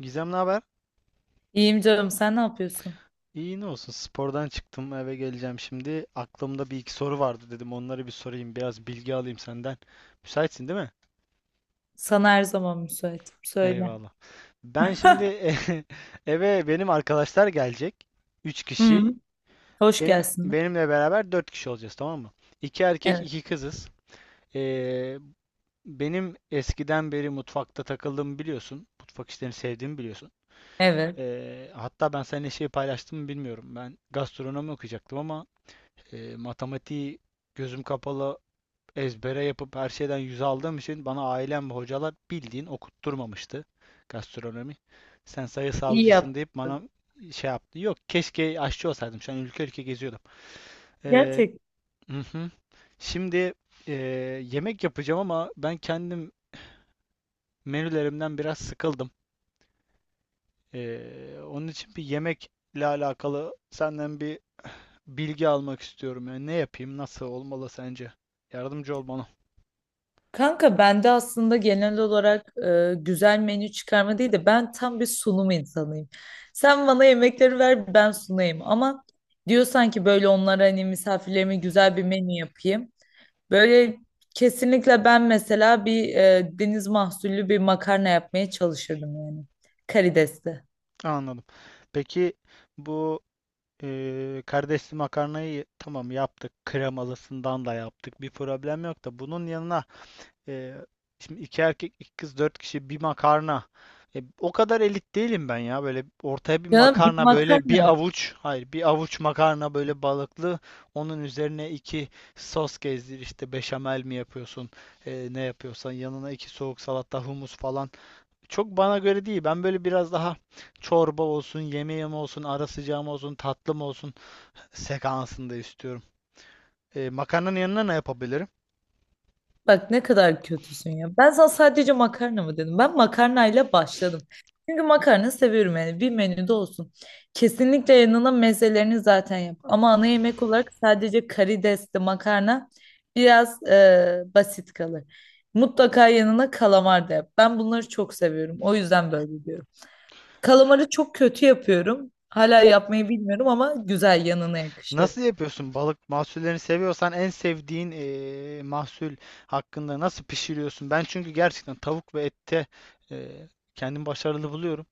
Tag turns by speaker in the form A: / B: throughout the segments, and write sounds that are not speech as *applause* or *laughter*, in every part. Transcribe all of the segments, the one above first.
A: Gizem, ne haber?
B: İyiyim canım, sen ne yapıyorsun?
A: İyi, ne olsun. Spordan çıktım, eve geleceğim şimdi. Aklımda bir iki soru vardı, dedim onları bir sorayım. Biraz bilgi alayım senden. Müsaitsin değil mi?
B: Sana her zaman müsaitim. Söyle.
A: Eyvallah. Ben şimdi
B: *laughs*
A: *laughs* eve benim arkadaşlar gelecek. Üç
B: Hı,
A: kişi.
B: hoş
A: Benim,
B: gelsin.
A: benimle beraber dört kişi olacağız, tamam mı? İki erkek
B: Evet.
A: iki kızız. Ee, benim eskiden beri mutfakta takıldığımı biliyorsun. Mutfak işlerini sevdiğimi biliyorsun.
B: Evet.
A: Hatta ben seninle şey paylaştım mı bilmiyorum. Ben gastronomi okuyacaktım ama matematiği gözüm kapalı ezbere yapıp her şeyden yüz aldığım için bana ailem ve hocalar bildiğin okutturmamıştı gastronomi. Sen
B: İyi
A: sayısalcısın deyip bana
B: yaptın.
A: şey yaptı. Yok, keşke aşçı olsaydım. Şu an ülke ülke geziyordum. Ee,
B: Gerçek.
A: hı hı. Şimdi e, yemek yapacağım ama ben kendim menülerimden biraz sıkıldım. Onun için bir yemekle alakalı senden bir bilgi almak istiyorum. Yani ne yapayım, nasıl olmalı sence? Yardımcı ol bana.
B: Kanka bende aslında genel olarak güzel menü çıkarma değil de ben tam bir sunum insanıyım. Sen bana yemekleri ver ben sunayım ama diyorsan ki böyle onlara hani misafirlerime güzel bir menü yapayım. Böyle kesinlikle ben mesela bir deniz mahsullü bir makarna yapmaya çalışırdım yani. Karidesli.
A: Anladım. Peki, bu kardeşli makarnayı tamam yaptık. Kremalısından da yaptık. Bir problem yok da bunun yanına eee, şimdi iki erkek, iki kız, dört kişi bir makarna. O kadar elit değilim ben ya. Böyle ortaya bir
B: Canım bir
A: makarna, böyle
B: makarna
A: bir
B: mı?
A: avuç. Hayır, bir avuç makarna böyle balıklı. Onun üzerine iki sos gezdir, işte beşamel mi yapıyorsun? Ne yapıyorsan yanına iki soğuk salata, humus falan. Çok bana göre değil. Ben böyle biraz daha çorba olsun, yemeğim olsun, ara sıcağım olsun, tatlım olsun sekansında istiyorum. Makarnanın yanına ne yapabilirim?
B: Bak ne kadar kötüsün ya. Ben sana sadece makarna mı dedim. Ben makarnayla başladım. Çünkü makarna seviyorum yani bir menüde olsun. Kesinlikle yanına mezelerini zaten yap. Ama ana yemek olarak sadece karidesli makarna biraz basit kalır. Mutlaka yanına kalamar da yap. Ben bunları çok seviyorum. O yüzden böyle diyorum. Kalamarı çok kötü yapıyorum. Hala yapmayı bilmiyorum ama güzel yanına yakışır.
A: Nasıl yapıyorsun? Balık mahsullerini seviyorsan en sevdiğin mahsul hakkında nasıl pişiriyorsun? Ben çünkü gerçekten tavuk ve ette e, kendimi başarılı buluyorum.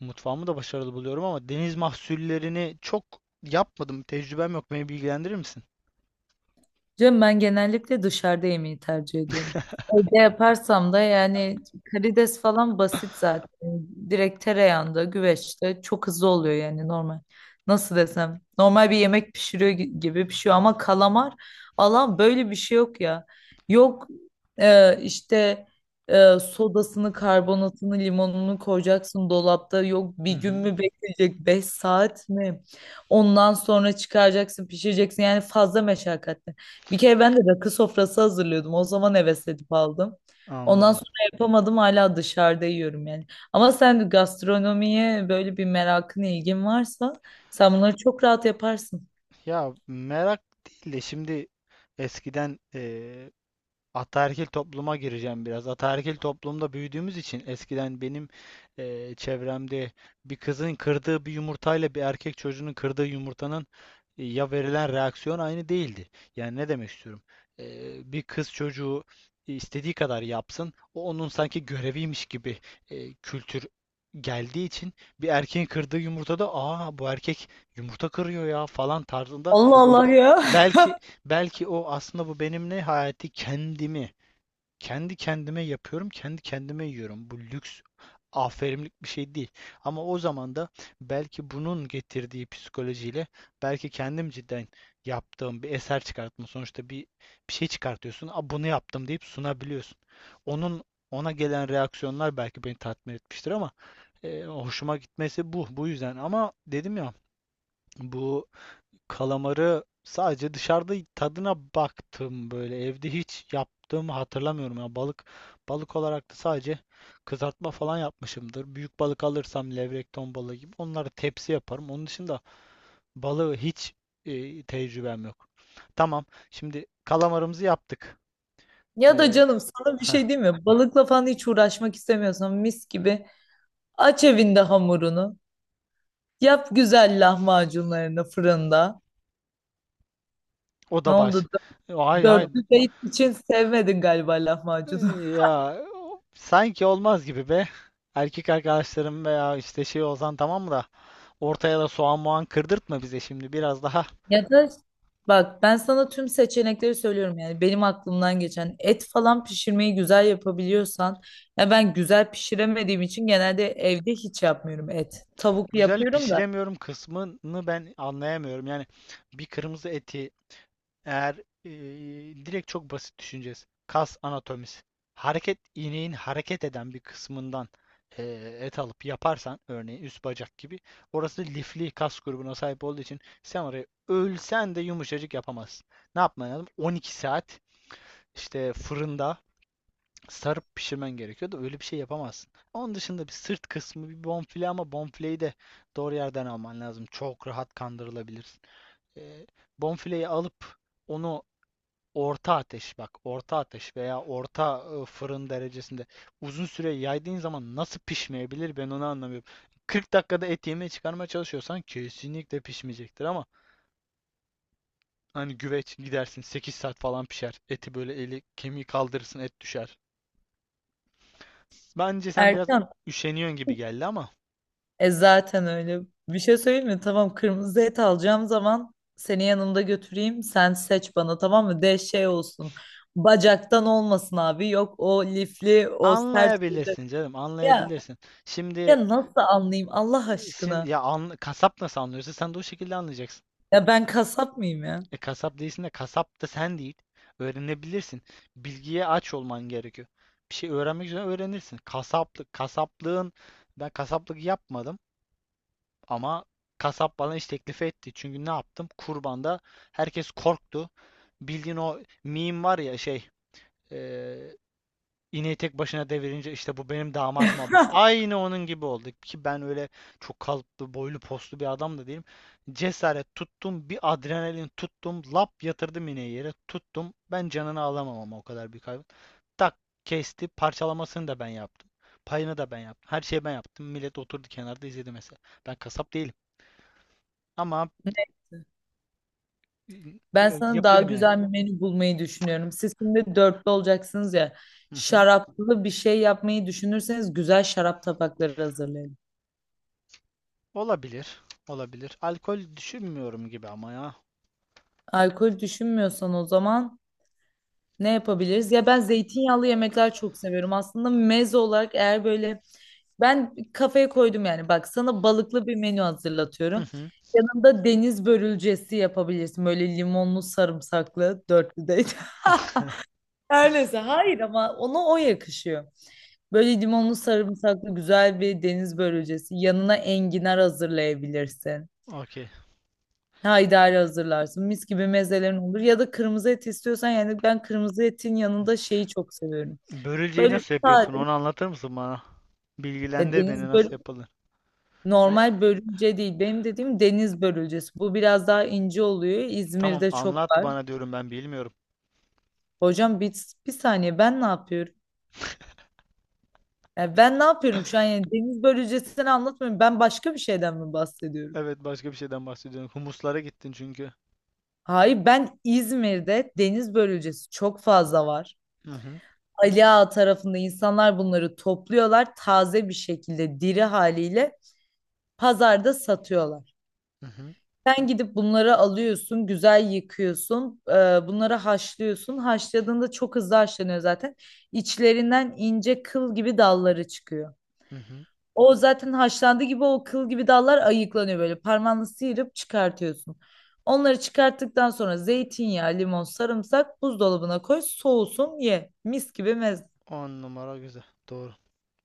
A: Mutfağımı da başarılı buluyorum ama deniz mahsullerini çok yapmadım. Tecrübem yok. Beni bilgilendirir misin?
B: Canım ben genellikle dışarıda yemeği tercih ediyorum. Evde yaparsam da yani karides falan basit zaten. Direkt tereyağında, güveçte çok hızlı oluyor yani normal. Nasıl desem? Normal bir yemek pişiriyor gibi pişiyor ama kalamar Allah böyle bir şey yok ya. Yok e, işte sodasını, karbonatını, limonunu koyacaksın dolapta. Yok bir
A: Hı
B: gün
A: hı.
B: mü bekleyecek? Beş saat mi? Ondan sonra çıkaracaksın, pişireceksin. Yani fazla meşakkatli. Bir kere ben de rakı sofrası hazırlıyordum. O zaman heves edip aldım. Ondan
A: Anladım.
B: sonra yapamadım hala dışarıda yiyorum yani. Ama sen gastronomiye böyle bir merakın, ilgin varsa sen bunları çok rahat yaparsın.
A: Ya, merak değil de şimdi eskiden ataerkil topluma gireceğim biraz. Ataerkil toplumda büyüdüğümüz için eskiden benim çevremde bir kızın kırdığı bir yumurtayla bir erkek çocuğunun kırdığı yumurtanın ya verilen reaksiyon aynı değildi. Yani ne demek istiyorum? Bir kız çocuğu istediği kadar yapsın, o onun sanki göreviymiş gibi kültür geldiği için bir erkeğin kırdığı yumurtada, "Aa, bu erkek yumurta kırıyor ya" falan tarzında
B: Allah Allah
A: be-
B: ya.
A: belki Belki o aslında bu benim ne hayati, kendimi kendi kendime yapıyorum, kendi kendime yiyorum. Bu lüks, aferinlik bir şey değil. Ama o zaman da belki bunun getirdiği psikolojiyle belki kendim cidden yaptığım bir eser çıkartma. Sonuçta bir şey çıkartıyorsun. "A, bunu yaptım" deyip sunabiliyorsun. Onun, ona gelen reaksiyonlar belki beni tatmin etmiştir ama hoşuma gitmesi bu. Bu yüzden ama dedim ya bu... Kalamarı sadece dışarıda tadına baktım böyle. Evde hiç yaptığımı hatırlamıyorum ya. Balık olarak da sadece kızartma falan yapmışımdır. Büyük balık alırsam levrek, ton balığı gibi onları tepsi yaparım. Onun dışında balığı hiç tecrübem yok. Tamam. Şimdi kalamarımızı yaptık.
B: Ya da
A: Ee,
B: canım sana bir
A: heh,
B: şey diyeyim mi? Balıkla falan hiç uğraşmak istemiyorsan mis gibi aç evinde hamurunu. Yap güzel lahmacunlarını fırında.
A: o
B: Ne
A: da
B: oldu?
A: baş. Ay ay.
B: Dörtlü date için sevmedin galiba
A: Ee,
B: lahmacunu.
A: ya sanki olmaz gibi be. Erkek arkadaşlarım veya işte şey olsan tamam mı da ortaya da soğan muğan kırdırtma bize şimdi. Biraz daha
B: Ya da bak ben sana tüm seçenekleri söylüyorum yani benim aklımdan geçen et falan pişirmeyi güzel yapabiliyorsan ya ben güzel pişiremediğim için genelde evde hiç yapmıyorum et. Tavuk
A: güzel
B: yapıyorum da.
A: pişiremiyorum kısmını ben anlayamıyorum. Yani bir kırmızı eti eğer e, direkt çok basit düşüneceğiz. Kas anatomisi. Hareket ineğin hareket eden bir kısmından e, et alıp yaparsan, örneğin üst bacak gibi, orası lifli kas grubuna sahip olduğu için sen orayı ölsen de yumuşacık yapamazsın. Ne yapman lazım? 12 saat işte fırında sarıp pişirmen gerekiyor da öyle bir şey yapamazsın. Onun dışında bir sırt kısmı, bir bonfile, ama bonfileyi de doğru yerden alman lazım. Çok rahat kandırılabilirsin. Ee, bonfileyi alıp onu orta ateş, bak, orta ateş veya orta fırın derecesinde uzun süre yaydığın zaman nasıl pişmeyebilir, ben onu anlamıyorum. 40 dakikada et yemeği çıkarmaya çalışıyorsan kesinlikle pişmeyecektir ama hani güveç gidersin, 8 saat falan pişer. Eti böyle eli kemiği kaldırırsın, et düşer. Bence sen biraz
B: Erkan
A: üşeniyorsun gibi geldi ama
B: zaten öyle bir şey söyleyeyim mi? Tamam, kırmızı et alacağım zaman seni yanımda götüreyim sen seç bana, tamam mı? De şey olsun, bacaktan olmasın abi, yok o lifli o sert olacak.
A: anlayabilirsin canım,
B: Ya,
A: anlayabilirsin. Şimdi
B: ya nasıl anlayayım Allah
A: şimdi
B: aşkına?
A: ya kasap nasıl anlıyorsa sen de o şekilde anlayacaksın.
B: Ya ben kasap mıyım ya?
A: E, kasap değilsin de kasap da sen değil. Öğrenebilirsin. Bilgiye aç olman gerekiyor. Bir şey öğrenmek üzere öğrenirsin. Kasaplık, kasaplığın, ben kasaplık yapmadım ama kasap bana iş teklifi etti. Çünkü ne yaptım? Kurbanda herkes korktu. Bildiğin o meme var ya şey, e, İneği tek başına devirince işte, bu benim damat muhabbeti.
B: Hah,
A: Aynı onun gibi oldu ki ben öyle çok kalıplı, boylu, poslu bir adam da değilim. Cesaret tuttum, bir adrenalin tuttum, lap yatırdım ineği yere, tuttum. Ben canını alamam ama o kadar bir hayvan. Tak kesti, parçalamasını da ben yaptım. Payını da ben yaptım. Her şeyi ben yaptım. Millet oturdu kenarda izledi mesela. Ben kasap değilim ama e,
B: ben sana daha
A: yapıyorum yani.
B: güzel bir menü bulmayı düşünüyorum. Siz şimdi dörtlü olacaksınız ya.
A: Hı hı.
B: Şaraplı bir şey yapmayı düşünürseniz güzel şarap tabakları hazırlayın.
A: Olabilir, olabilir. Alkol düşünmüyorum gibi ama ya.
B: Alkol düşünmüyorsan o zaman ne yapabiliriz? Ya ben zeytinyağlı yemekler çok seviyorum. Aslında meze olarak eğer böyle ben kafaya koydum yani bak sana balıklı bir menü
A: Hı
B: hazırlatıyorum.
A: hı.
B: Yanında deniz börülcesi yapabilirsin. Böyle limonlu sarımsaklı dörtlüde. *laughs* Her neyse hayır, ama ona o yakışıyor. Böyle limonlu sarımsaklı güzel bir deniz börülcesi. Yanına enginar hazırlayabilirsin.
A: Okey.
B: Haydari hazırlarsın. Mis gibi mezelerin olur. Ya da kırmızı et istiyorsan yani ben kırmızı etin yanında şeyi çok seviyorum.
A: Börülceyi
B: Böyle
A: nasıl yapıyorsun?
B: sade.
A: Onu anlatır mısın bana?
B: Ya
A: Bilgilendir beni,
B: deniz
A: nasıl
B: börü
A: yapılır. Ben...
B: normal börülce değil. Benim dediğim deniz börülcesi. Bu biraz daha ince oluyor.
A: Tamam,
B: İzmir'de çok
A: anlat
B: var.
A: bana, diyorum ben bilmiyorum.
B: Hocam bir, bir saniye ben ne yapıyorum? Ya ben ne yapıyorum şu an, yani deniz börülcesini anlatmıyorum. Ben başka bir şeyden mi bahsediyorum?
A: Evet, başka bir şeyden bahsediyorum. Humuslara gittin çünkü.
B: Hayır, ben İzmir'de deniz börülcesi çok fazla var.
A: Hı hı,
B: Ali Ağa tarafında insanlar bunları topluyorlar taze bir şekilde diri haliyle pazarda satıyorlar.
A: hı hı,
B: Sen gidip bunları alıyorsun, güzel yıkıyorsun, bunları haşlıyorsun. Haşladığında çok hızlı haşlanıyor zaten. İçlerinden ince kıl gibi dalları çıkıyor.
A: hı hı.
B: O zaten haşlandığı gibi o kıl gibi dallar ayıklanıyor böyle. Parmağını sıyırıp çıkartıyorsun. Onları çıkarttıktan sonra zeytinyağı, limon, sarımsak buzdolabına koy, soğusun, ye. Mis gibi meze.
A: On numara güzel. Doğru.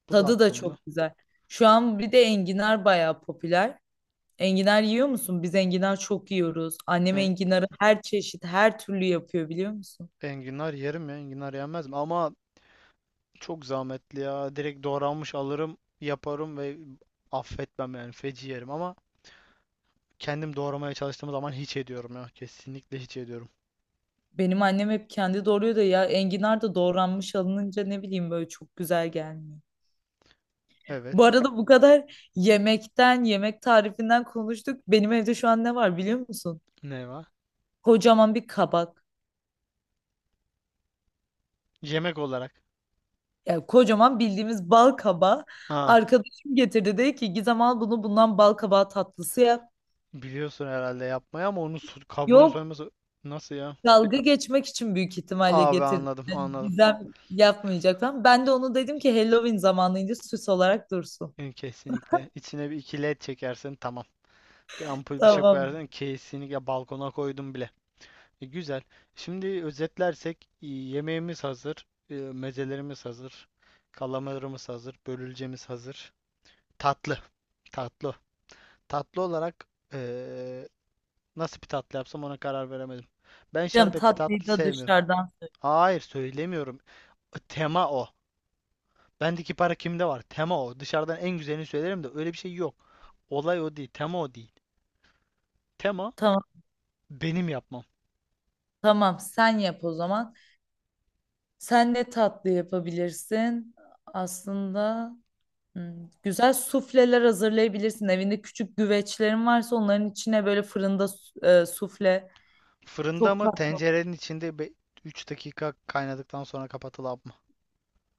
A: Bu da
B: Tadı da
A: aklımda.
B: çok güzel. Şu an bir de enginar bayağı popüler. Enginar yiyor musun? Biz enginar çok yiyoruz. Annem
A: E-
B: enginarı her çeşit, her türlü yapıyor biliyor musun?
A: enginar yerim ya. Enginar yenmez mi? Ama çok zahmetli ya. Direkt doğranmış alırım, yaparım ve affetmem yani. Feci yerim ama kendim doğramaya çalıştığım zaman hiç ediyorum ya. Kesinlikle hiç ediyorum.
B: Benim annem hep kendi doğruyor da ya enginar da doğranmış alınınca ne bileyim böyle çok güzel gelmiyor.
A: Evet.
B: Bu arada bu kadar yemekten, yemek tarifinden konuştuk. Benim evde şu an ne var biliyor musun?
A: Ne var?
B: Kocaman bir kabak.
A: Yemek olarak.
B: Yani kocaman bildiğimiz bal kabağı.
A: Ha.
B: Arkadaşım getirdi, dedi ki Gizem al bunu, bundan bal kabağı tatlısı yap.
A: Biliyorsun herhalde yapmayı ama onun su- kabuğunu
B: Yok,
A: soyması nasıl ya?
B: dalga geçmek için büyük ihtimalle
A: Abi,
B: getirdi.
A: anladım anladım.
B: Gizem yapmayacak falan. Ben de onu dedim ki Halloween zamanıydı, süs olarak dursun.
A: Yani kesinlikle. İçine bir iki led çekersin, tamam. Bir ampul bir şey
B: Tamam.
A: koyarsan, kesinlikle, balkona koydum bile. Güzel. Şimdi özetlersek, yemeğimiz hazır, mezelerimiz hazır. Kalamarımız hazır. Börülcemiz hazır. Tatlı. Tatlı. Tatlı olarak e, nasıl bir tatlı yapsam, ona karar veremedim. Ben
B: Canım
A: şerbetli tatlı
B: tatlıyı da
A: sevmiyorum.
B: dışarıdan.
A: Hayır, söylemiyorum. Tema o. Bendeki para kimde var? Tema o. Dışarıdan en güzelini söylerim de öyle bir şey yok. Olay o değil. Tema o değil. Tema
B: Tamam,
A: benim yapmam.
B: tamam sen yap o zaman. Sen ne tatlı yapabilirsin? Aslında güzel sufleler hazırlayabilirsin. Evinde küçük güveçlerin varsa onların içine böyle fırında sufle
A: Fırında
B: çok
A: mı,
B: tatlı.
A: tencerenin içinde 3 dakika kaynadıktan sonra kapatılıp mı?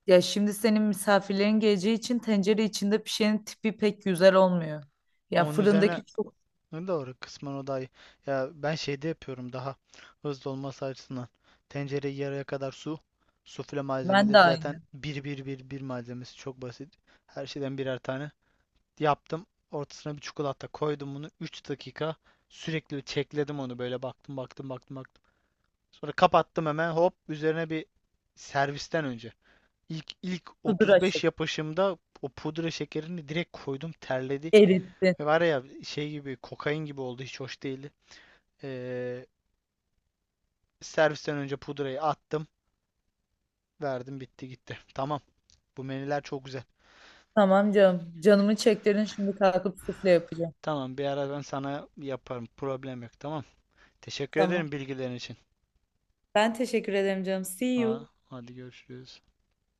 B: Ya şimdi senin misafirlerin geleceği için tencere içinde pişenin tipi pek güzel olmuyor. Ya
A: Onun üzerine
B: fırındaki çok
A: ne doğru, kısmen o da iyi. Ya ben şeyde yapıyorum daha hızlı olması açısından. Tencereyi yarıya kadar su, sufle
B: ben de
A: malzemeleri zaten
B: aynı.
A: bir bir bir bir, malzemesi çok basit. Her şeyden birer tane. Yaptım. Ortasına bir çikolata koydum bunu. Üç dakika sürekli çekledim onu, böyle baktım baktım baktım baktım. Sonra kapattım hemen, hop üzerine bir, servisten önce. İlk
B: Pudra
A: 35
B: şekli
A: yapışımda o pudra şekerini direkt koydum, terledi.
B: erittin.
A: Ve var ya, şey gibi, kokain gibi oldu, hiç hoş değildi. Ee, servisten önce pudrayı attım, verdim, bitti gitti. Tamam, bu menüler çok güzel.
B: Tamam canım. Canımı çektirin şimdi kalkıp sufle yapacağım.
A: Tamam, bir ara ben sana yaparım, problem yok, tamam. Teşekkür
B: Tamam.
A: ederim bilgilerin için.
B: Ben teşekkür ederim canım. See you.
A: Ha, hadi görüşürüz.